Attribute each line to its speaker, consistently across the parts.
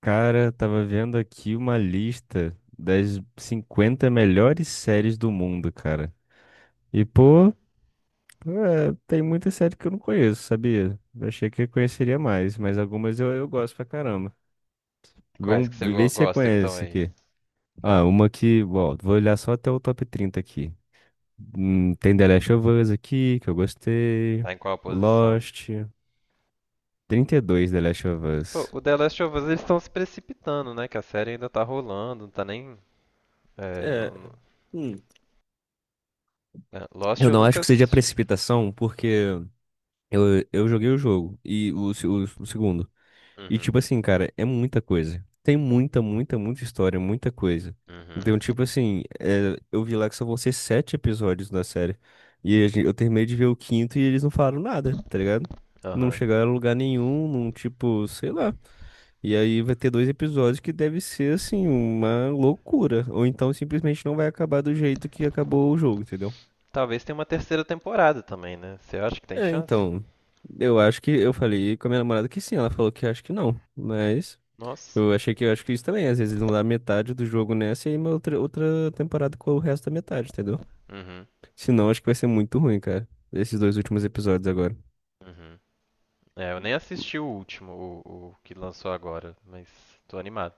Speaker 1: Cara, tava vendo aqui uma lista das 50 melhores séries do mundo, cara. E, pô,
Speaker 2: Hum.
Speaker 1: é, tem muita série que eu não conheço, sabia? Eu achei que eu conheceria mais, mas algumas eu gosto pra caramba.
Speaker 2: Quais
Speaker 1: Vamos
Speaker 2: que
Speaker 1: ver se você
Speaker 2: gosta que estão
Speaker 1: conhece
Speaker 2: aí?
Speaker 1: aqui. Ah,
Speaker 2: Fala.
Speaker 1: uma que, ó, vou olhar só até o top 30 aqui. Tem The Last of Us aqui, que eu gostei.
Speaker 2: Tá em qual posição?
Speaker 1: Lost. 32 The Last of
Speaker 2: Pô,
Speaker 1: Us.
Speaker 2: o The Last of Us eles estão se precipitando, né? Que a série ainda tá rolando, não tá nem. É,
Speaker 1: É,
Speaker 2: não- não-
Speaker 1: hum,
Speaker 2: É, Lost
Speaker 1: eu
Speaker 2: eu
Speaker 1: não
Speaker 2: nunca
Speaker 1: acho que seja
Speaker 2: assisti.
Speaker 1: precipitação, porque. Eu joguei o jogo e o, se- o segundo. E
Speaker 2: Uhum.
Speaker 1: tipo assim, cara, é muita coisa. Tem muita, muita, muita história, muita coisa. Então,
Speaker 2: Uhum.
Speaker 1: tipo assim, é, eu vi lá que só vão ser sete episódios da série. E eu terminei de ver o quinto e eles não falaram nada, tá ligado? Não
Speaker 2: Aham.
Speaker 1: chegaram a lugar nenhum, não, tipo, sei lá. E aí vai ter dois episódios que deve ser, assim, uma loucura. Ou então simplesmente não vai acabar do jeito que acabou o jogo, entendeu?
Speaker 2: Talvez tenha uma terceira temporada também, né? Você acha que tem
Speaker 1: É,
Speaker 2: chance?
Speaker 1: então, eu acho que eu falei com a minha namorada que sim, ela falou que acho que não, mas
Speaker 2: Nossa.
Speaker 1: eu achei que eu acho que isso também, às vezes eles vão dar metade do jogo nessa e aí uma outra temporada com o resto da metade, entendeu?
Speaker 2: Uhum.
Speaker 1: Senão acho que vai ser muito ruim, cara, esses dois últimos episódios agora.
Speaker 2: Uhum. É, eu nem assisti o último, o que lançou agora, mas tô animado.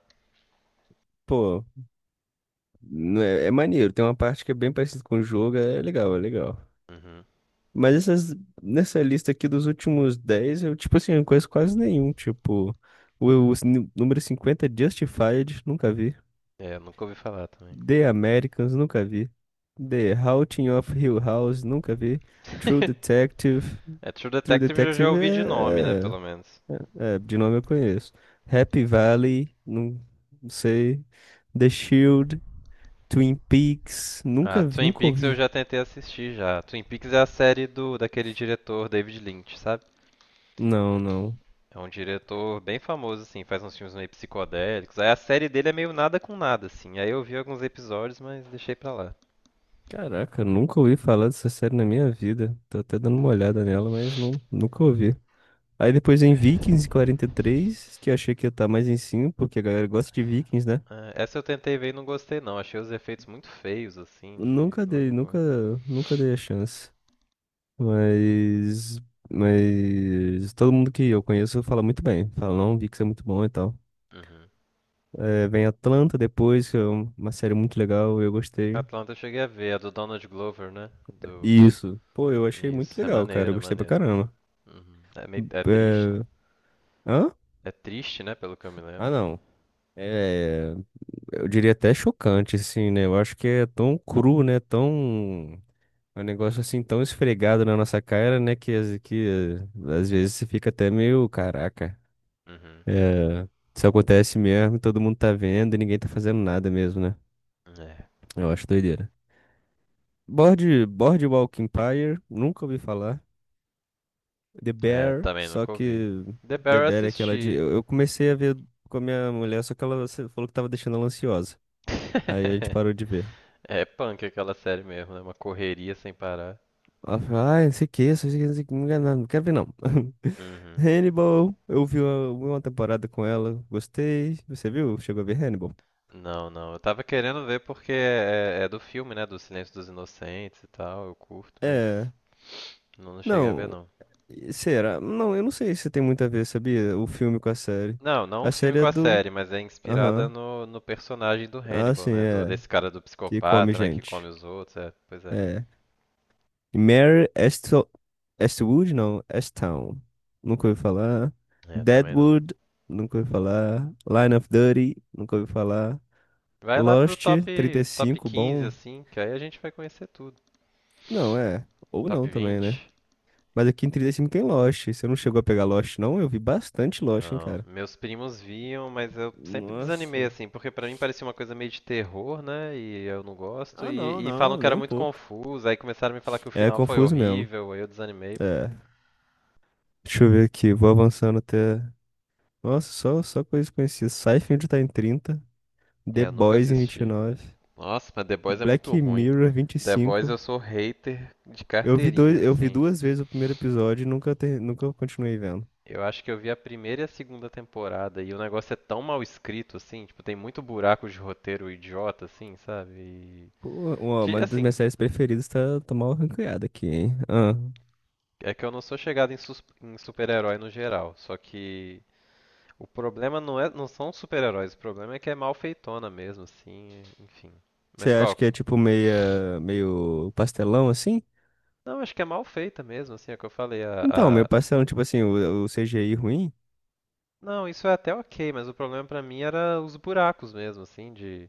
Speaker 1: Pô, não é, é maneiro, tem uma parte que é bem parecida com o jogo, é legal, é legal.
Speaker 2: Uhum.
Speaker 1: Mas essas, nessa lista aqui dos últimos 10, eu, tipo assim, eu não conheço quase nenhum, tipo, o número 50, Justified, nunca vi.
Speaker 2: É, eu nunca ouvi falar também.
Speaker 1: The Americans, nunca vi. The Haunting of Hill House, nunca vi. True Detective.
Speaker 2: É, True
Speaker 1: True
Speaker 2: Detective eu já
Speaker 1: Detective
Speaker 2: ouvi de nome, né?
Speaker 1: é,
Speaker 2: Pelo menos.
Speaker 1: é, de nome eu conheço. Happy Valley, não, não sei. The Shield, Twin Peaks,
Speaker 2: Ah,
Speaker 1: nunca vi,
Speaker 2: Twin
Speaker 1: nunca
Speaker 2: Peaks eu
Speaker 1: ouvi.
Speaker 2: já tentei assistir já. Twin Peaks é a série do daquele diretor David Lynch, sabe?
Speaker 1: Não, não.
Speaker 2: É um diretor bem famoso assim, faz uns filmes meio psicodélicos. Aí a série dele é meio nada com nada assim. Aí eu vi alguns episódios, mas deixei pra lá.
Speaker 1: Caraca, nunca ouvi falar dessa série na minha vida. Tô até dando uma olhada nela, mas não, nunca ouvi. Aí depois em Vikings 43, que eu achei que ia estar mais em cima, porque a galera gosta de Vikings, né?
Speaker 2: Ah, essa eu tentei ver e não gostei não. Achei os efeitos muito feios assim de
Speaker 1: Nunca
Speaker 2: logo
Speaker 1: dei,
Speaker 2: no
Speaker 1: nunca,
Speaker 2: começo.
Speaker 1: nunca dei a chance. Mas, mas todo mundo que eu conheço fala muito bem. Fala, não, Vix é muito bom e tal.
Speaker 2: Uhum.
Speaker 1: É, vem Atlanta depois, que é uma série muito legal, eu gostei.
Speaker 2: Atlanta eu cheguei a ver, a do Donald Glover, né? Do
Speaker 1: E isso. Pô, eu achei muito
Speaker 2: Isso, é
Speaker 1: legal, cara.
Speaker 2: maneiro,
Speaker 1: Eu
Speaker 2: é
Speaker 1: gostei pra
Speaker 2: maneiro.
Speaker 1: caramba.
Speaker 2: Uhum. É meio triste, né?
Speaker 1: É... Hã?
Speaker 2: É triste, né, pelo que eu me
Speaker 1: Ah,
Speaker 2: lembro.
Speaker 1: não. É, eu diria até chocante, assim, né? Eu acho que é tão cru, né? Tão. É um negócio assim tão esfregado na nossa cara, né? Que, que às vezes você fica até meio, caraca.
Speaker 2: Uhum.
Speaker 1: É, isso acontece mesmo, todo mundo tá vendo e ninguém tá fazendo nada mesmo, né?
Speaker 2: É,
Speaker 1: Eu acho doideira. Boardwalk Empire, nunca ouvi falar. The
Speaker 2: é,
Speaker 1: Bear,
Speaker 2: também
Speaker 1: só
Speaker 2: nunca ouvi.
Speaker 1: que
Speaker 2: The Bear
Speaker 1: The
Speaker 2: eu
Speaker 1: Bear é aquela de.
Speaker 2: assisti.
Speaker 1: Eu comecei a ver com a minha mulher, só que ela se- falou que tava deixando ela ansiosa. Aí a gente parou de ver.
Speaker 2: É punk aquela série mesmo, né? Uma correria sem parar.
Speaker 1: Ela falou, ai, não sei o que, não sei o que, não sei o que, não quero não, não quero ver não.
Speaker 2: Uhum.
Speaker 1: Hannibal, eu vi uma temporada com ela, gostei. Você viu? Chegou a ver Hannibal?
Speaker 2: Não, não. Eu tava querendo ver porque é do filme, né? Do Silêncio dos Inocentes e tal. Eu curto, mas
Speaker 1: É.
Speaker 2: não, não cheguei a ver,
Speaker 1: Não.
Speaker 2: não.
Speaker 1: E Será? Não, eu não sei se tem muito a ver, sabia? O filme com a série.
Speaker 2: Não, não um
Speaker 1: A
Speaker 2: filme
Speaker 1: série
Speaker 2: com
Speaker 1: é
Speaker 2: a
Speaker 1: do.
Speaker 2: série, mas é inspirada
Speaker 1: Aham.
Speaker 2: no personagem do
Speaker 1: Ah,
Speaker 2: Hannibal,
Speaker 1: sim,
Speaker 2: né? Do,
Speaker 1: é.
Speaker 2: desse cara do
Speaker 1: Que come
Speaker 2: psicopata, né? Que come
Speaker 1: gente.
Speaker 2: os outros. É, pois é.
Speaker 1: É. Mare Esto... Eastwood, não. Easttown. Nunca ouvi falar.
Speaker 2: É, também não.
Speaker 1: Deadwood, nunca ouvi falar. Line of Duty, nunca ouvi falar.
Speaker 2: Vai lá pro
Speaker 1: Lost trinta e
Speaker 2: top, top
Speaker 1: cinco
Speaker 2: 15
Speaker 1: bom.
Speaker 2: assim, que aí a gente vai conhecer tudo.
Speaker 1: Não, é. Ou
Speaker 2: Top
Speaker 1: não também, né?
Speaker 2: 20?
Speaker 1: Mas aqui em 35 tem Lost. Você não chegou a pegar Lost, não? Eu vi bastante Lost, hein,
Speaker 2: Não.
Speaker 1: cara.
Speaker 2: Meus primos viam, mas eu sempre desanimei,
Speaker 1: Nossa.
Speaker 2: assim, porque pra mim parecia uma coisa meio de terror, né? E eu não gosto.
Speaker 1: Ah, não,
Speaker 2: E falam
Speaker 1: não,
Speaker 2: que
Speaker 1: nem
Speaker 2: era
Speaker 1: um
Speaker 2: muito
Speaker 1: pouco.
Speaker 2: confuso. Aí começaram a me falar que o
Speaker 1: É
Speaker 2: final foi
Speaker 1: confuso mesmo.
Speaker 2: horrível. Aí eu desanimei.
Speaker 1: É. Deixa eu ver aqui, vou avançando até. Nossa, só, só coisas conhecidas. Seinfeld tá em 30,
Speaker 2: É,
Speaker 1: The
Speaker 2: eu nunca
Speaker 1: Boys em vinte e
Speaker 2: assisti.
Speaker 1: nove,
Speaker 2: Nossa, mas The Boys é muito
Speaker 1: Black
Speaker 2: ruim.
Speaker 1: Mirror vinte e
Speaker 2: The Boys
Speaker 1: cinco.
Speaker 2: eu sou hater de carteirinha,
Speaker 1: Eu vi
Speaker 2: assim.
Speaker 1: duas vezes o primeiro episódio e nunca continuei vendo.
Speaker 2: Eu acho que eu vi a primeira e a segunda temporada e o negócio é tão mal escrito, assim, tipo, tem muito buraco de roteiro idiota, assim, sabe? E,
Speaker 1: Pô,
Speaker 2: que,
Speaker 1: uma das
Speaker 2: assim,
Speaker 1: minhas séries preferidas tá, tá mal ranqueada aqui, hein? Ah,
Speaker 2: é que eu não sou chegado em, em super-herói no geral, só que o problema não é, não são os super-heróis, o problema é que é mal feitona mesmo, assim, enfim.
Speaker 1: você
Speaker 2: Mas qual
Speaker 1: acha que é
Speaker 2: que...
Speaker 1: tipo meio pastelão assim?
Speaker 2: Não, acho que é mal feita mesmo, assim, é o que eu falei,
Speaker 1: Então, meio pastelão, tipo assim, o CGI ruim?
Speaker 2: não, isso é até ok, mas o problema pra mim era os buracos mesmo, assim, de...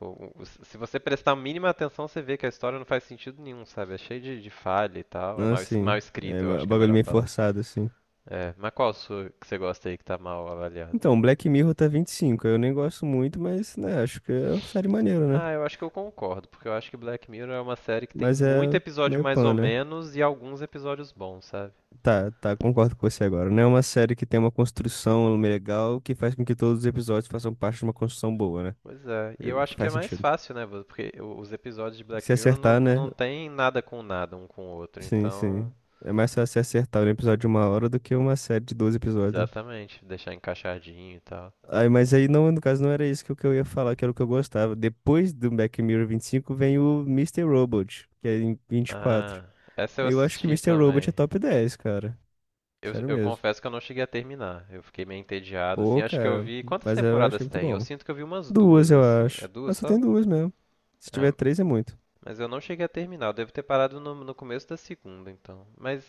Speaker 2: se você prestar a mínima atenção, você vê que a história não faz sentido nenhum, sabe? É cheio de falha e tal, é
Speaker 1: Ah,
Speaker 2: mal, mal
Speaker 1: sim. É
Speaker 2: escrito, eu acho que é a
Speaker 1: bagulho
Speaker 2: melhor
Speaker 1: meio
Speaker 2: palavra.
Speaker 1: forçado assim.
Speaker 2: É, mas qual a sua que você gosta aí que tá mal avaliada?
Speaker 1: Então, Black Mirror tá 25. Eu nem gosto muito, mas, né, acho que é uma série maneira, né?
Speaker 2: Ah, eu acho que eu concordo, porque eu acho que Black Mirror é uma série que tem
Speaker 1: Mas
Speaker 2: muito
Speaker 1: é
Speaker 2: episódio
Speaker 1: meio
Speaker 2: mais
Speaker 1: pan,
Speaker 2: ou
Speaker 1: né?
Speaker 2: menos e alguns episódios bons, sabe?
Speaker 1: Tá, concordo com você agora. Não é uma série que tem uma construção legal que faz com que todos os episódios façam parte de uma construção boa, né?
Speaker 2: Pois é, e eu acho que é
Speaker 1: Faz
Speaker 2: mais
Speaker 1: sentido.
Speaker 2: fácil, né? Porque os episódios de Black
Speaker 1: Se
Speaker 2: Mirror não,
Speaker 1: acertar, né?
Speaker 2: não tem nada com nada um com o outro,
Speaker 1: Sim,
Speaker 2: então.
Speaker 1: sim. É mais fácil se acertar um episódio de uma hora do que uma série de 12 episódios, né?
Speaker 2: Exatamente, deixar encaixadinho e tal.
Speaker 1: Aí, mas aí, não, no caso, não era isso que eu ia falar, que era o que eu gostava. Depois do Black Mirror 25 vem o Mister Robot, que é em 24.
Speaker 2: Ah, essa eu
Speaker 1: Eu acho que
Speaker 2: assisti
Speaker 1: Mister Robot é
Speaker 2: também.
Speaker 1: top dez, cara.
Speaker 2: Eu,
Speaker 1: Sério
Speaker 2: eu
Speaker 1: mesmo.
Speaker 2: confesso que eu não cheguei a terminar, eu fiquei meio entediado, assim.
Speaker 1: Pô,
Speaker 2: Acho que eu
Speaker 1: cara,
Speaker 2: vi. Quantas
Speaker 1: mas eu achei
Speaker 2: temporadas
Speaker 1: muito
Speaker 2: tem? Eu
Speaker 1: bom.
Speaker 2: sinto que eu vi umas
Speaker 1: Duas,
Speaker 2: duas,
Speaker 1: eu
Speaker 2: assim. É
Speaker 1: acho. Ah,
Speaker 2: duas
Speaker 1: só tem
Speaker 2: só?
Speaker 1: duas mesmo. Se
Speaker 2: Ah,
Speaker 1: tiver três, é muito.
Speaker 2: mas eu não cheguei a terminar. Eu devo ter parado no, no começo da segunda, então. Mas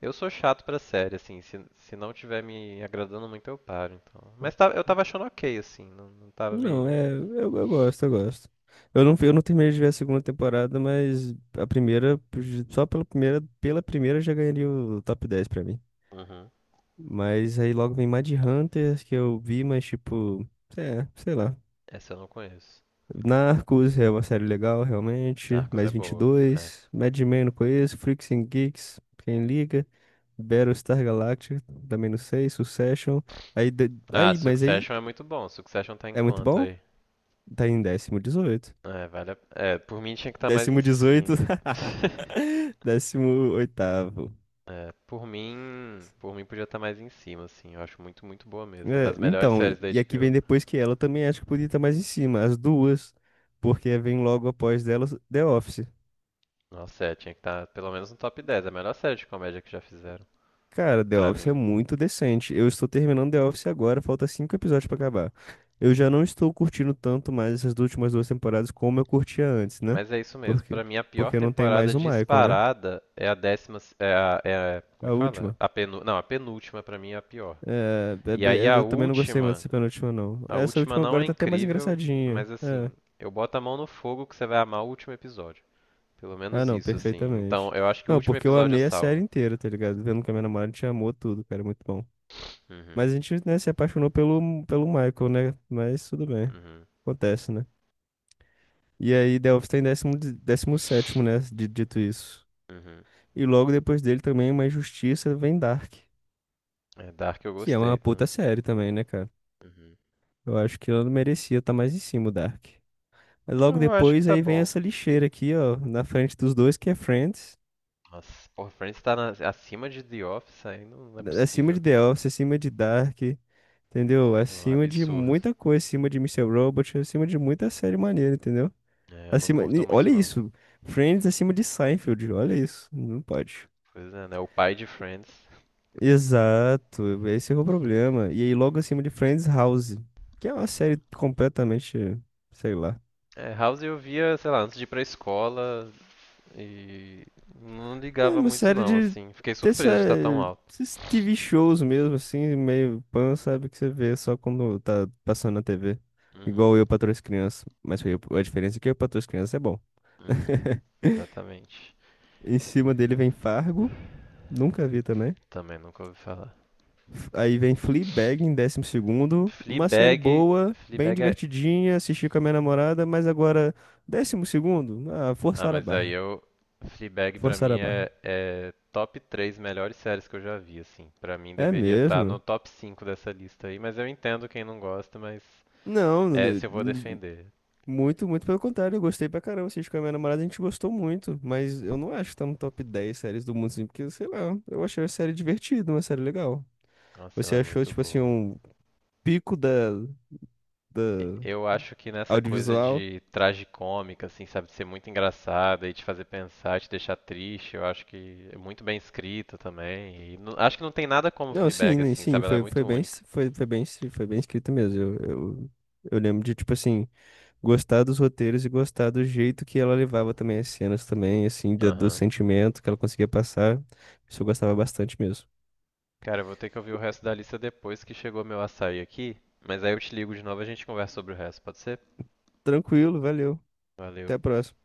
Speaker 2: eu sou chato pra série, assim. Se não tiver me agradando muito, eu paro, então. Mas eu tava achando ok, assim. Não, não tava me.
Speaker 1: Não, é. Eu gosto, eu gosto. Eu não terminei de ver a segunda temporada, mas a primeira, só pela primeira já ganharia o top 10 pra mim.
Speaker 2: Uhum.
Speaker 1: Mas aí logo vem Hunter que eu vi, mas tipo, é, sei lá.
Speaker 2: Essa eu não conheço.
Speaker 1: Narcos é uma série legal, realmente.
Speaker 2: Narcos é
Speaker 1: Mais vinte e
Speaker 2: boa. É.
Speaker 1: dois. Mad Men não conheço. Freaks and Geeks, quem liga? Battlestar Galactica, também não sei. Succession. Aí, de-
Speaker 2: Ah,
Speaker 1: aí, mas aí
Speaker 2: Succession é muito bom. Succession tá em
Speaker 1: é muito
Speaker 2: quanto
Speaker 1: bom?
Speaker 2: aí?
Speaker 1: Tá em décimo 18.
Speaker 2: É, vale a... É, por mim tinha que estar mais em
Speaker 1: Décimo 18.
Speaker 2: cima.
Speaker 1: Décimo oitavo.
Speaker 2: É, por mim. Por mim podia estar mais em cima, assim. Eu acho muito, muito boa mesmo. É
Speaker 1: É,
Speaker 2: das melhores
Speaker 1: então,
Speaker 2: séries da
Speaker 1: e aqui vem
Speaker 2: HBO.
Speaker 1: depois que ela também acho que podia estar mais em cima. As duas. Porque vem logo após delas The Office.
Speaker 2: Nossa, é, tinha que estar pelo menos no top 10. É a melhor série de comédia que já fizeram,
Speaker 1: Cara, The
Speaker 2: pra
Speaker 1: Office é
Speaker 2: mim.
Speaker 1: muito decente. Eu estou terminando The Office agora, falta cinco episódios pra acabar. Eu já não estou curtindo tanto mais essas últimas duas temporadas como eu curtia antes, né?
Speaker 2: Mas é isso
Speaker 1: Por
Speaker 2: mesmo.
Speaker 1: quê?
Speaker 2: Pra mim, a pior
Speaker 1: Porque não tem
Speaker 2: temporada
Speaker 1: mais o Michael, né?
Speaker 2: disparada é a décima. Como é
Speaker 1: A
Speaker 2: que fala?
Speaker 1: última.
Speaker 2: Não, a penúltima pra mim é a pior.
Speaker 1: É,
Speaker 2: E aí a
Speaker 1: eu também não gostei muito
Speaker 2: última.
Speaker 1: dessa penúltima, não.
Speaker 2: A
Speaker 1: Essa
Speaker 2: última
Speaker 1: última
Speaker 2: não
Speaker 1: agora
Speaker 2: é
Speaker 1: tá até mais
Speaker 2: incrível,
Speaker 1: engraçadinha.
Speaker 2: mas
Speaker 1: É.
Speaker 2: assim, eu boto a mão no fogo que você vai amar o último episódio. Pelo
Speaker 1: Ah,
Speaker 2: menos
Speaker 1: não,
Speaker 2: isso, assim. Então,
Speaker 1: perfeitamente.
Speaker 2: eu acho que o
Speaker 1: Não,
Speaker 2: último
Speaker 1: porque eu
Speaker 2: episódio
Speaker 1: amei a série
Speaker 2: salva.
Speaker 1: inteira, tá ligado? Vendo que a minha namorada te amou tudo, cara, é muito bom.
Speaker 2: Uhum,
Speaker 1: Mas a gente, né, se apaixonou pelo Michael, né? Mas tudo bem,
Speaker 2: uhum,
Speaker 1: acontece, né? E aí Delphi está em décimo sétimo, né? Dito isso.
Speaker 2: uhum.
Speaker 1: E logo depois dele também uma injustiça vem Dark,
Speaker 2: É, Dark eu
Speaker 1: que é uma
Speaker 2: gostei
Speaker 1: puta
Speaker 2: também.
Speaker 1: série também, né, cara?
Speaker 2: Uhum.
Speaker 1: Eu acho que ela não merecia estar mais em cima, o Dark.
Speaker 2: Ah,
Speaker 1: Logo
Speaker 2: eu acho que
Speaker 1: depois
Speaker 2: tá
Speaker 1: aí vem
Speaker 2: bom.
Speaker 1: essa lixeira aqui, ó, na frente dos dois, que é Friends.
Speaker 2: Nossa, porra, Friends acima de The Office aí não, não é
Speaker 1: Acima de
Speaker 2: possível.
Speaker 1: The Office, acima de Dark, entendeu?
Speaker 2: Não, é um
Speaker 1: Acima de
Speaker 2: absurdo.
Speaker 1: muita coisa, acima de Mister Robot, acima de muita série maneira, entendeu?
Speaker 2: É, eu não
Speaker 1: Acima,
Speaker 2: curto
Speaker 1: e olha
Speaker 2: muito não.
Speaker 1: isso, Friends acima de Seinfeld, olha isso, não pode.
Speaker 2: Pois é, né? O pai de Friends.
Speaker 1: Exato, esse é o problema. E aí, logo acima de Friends House, que é uma série completamente, sei lá.
Speaker 2: É, House eu via, sei lá, antes de ir pra escola e não
Speaker 1: É
Speaker 2: ligava
Speaker 1: uma
Speaker 2: muito
Speaker 1: série
Speaker 2: não,
Speaker 1: de
Speaker 2: assim. Fiquei
Speaker 1: dessa,
Speaker 2: surpreso de estar tão alto.
Speaker 1: esses TV shows mesmo, assim, meio pan, sabe? Que você vê só quando tá passando na TV.
Speaker 2: Uhum,
Speaker 1: Igual eu patroa e as crianças. Mas foi a diferença é que eu patroa e as crianças é bom.
Speaker 2: uhum. Exatamente.
Speaker 1: Em cima dele vem Fargo, nunca vi também.
Speaker 2: Também nunca ouvi falar.
Speaker 1: Aí vem Fleabag em décimo segundo. Uma série
Speaker 2: Fleabag,
Speaker 1: boa, bem
Speaker 2: Fleabag é
Speaker 1: divertidinha, assisti com a minha namorada, mas agora, décimo segundo? Ah,
Speaker 2: Ah,
Speaker 1: forçar a
Speaker 2: mas aí
Speaker 1: barra.
Speaker 2: eu. Fleabag pra
Speaker 1: Forçar
Speaker 2: mim
Speaker 1: a barra.
Speaker 2: é, é top 3 melhores séries que eu já vi, assim. Pra mim
Speaker 1: É
Speaker 2: deveria estar no
Speaker 1: mesmo?
Speaker 2: top 5 dessa lista aí, mas eu entendo quem não gosta, mas
Speaker 1: Não,
Speaker 2: é se eu vou defender.
Speaker 1: muito, muito pelo contrário. Eu gostei pra caramba. Assisti com a minha namorada, a gente gostou muito. Mas eu não acho que tá no top 10 séries do mundo, assim, porque, sei lá, eu achei a série divertida, uma série legal.
Speaker 2: Nossa,
Speaker 1: Você
Speaker 2: ela é
Speaker 1: achou,
Speaker 2: muito
Speaker 1: tipo assim,
Speaker 2: boa.
Speaker 1: um pico da
Speaker 2: Eu acho que nessa coisa
Speaker 1: audiovisual?
Speaker 2: de tragicômica, assim, sabe, de ser muito engraçada e te fazer pensar, te deixar triste, eu acho que é muito bem escrita também. Acho que não tem nada como
Speaker 1: Não, sim,
Speaker 2: Fleabag,
Speaker 1: né,
Speaker 2: assim,
Speaker 1: sim,
Speaker 2: sabe, ela é muito única.
Speaker 1: foi bem escrito mesmo. Eu lembro de, tipo assim, gostar dos roteiros e gostar do jeito que ela levava também as cenas também, assim, do
Speaker 2: Aham.
Speaker 1: sentimento que ela conseguia passar. Isso eu gostava bastante mesmo.
Speaker 2: Cara, eu vou ter que ouvir o resto da lista depois que chegou meu açaí aqui, mas aí eu te ligo de novo e a gente conversa sobre o resto, pode ser?
Speaker 1: Tranquilo, valeu. Até
Speaker 2: Valeu.
Speaker 1: a próxima.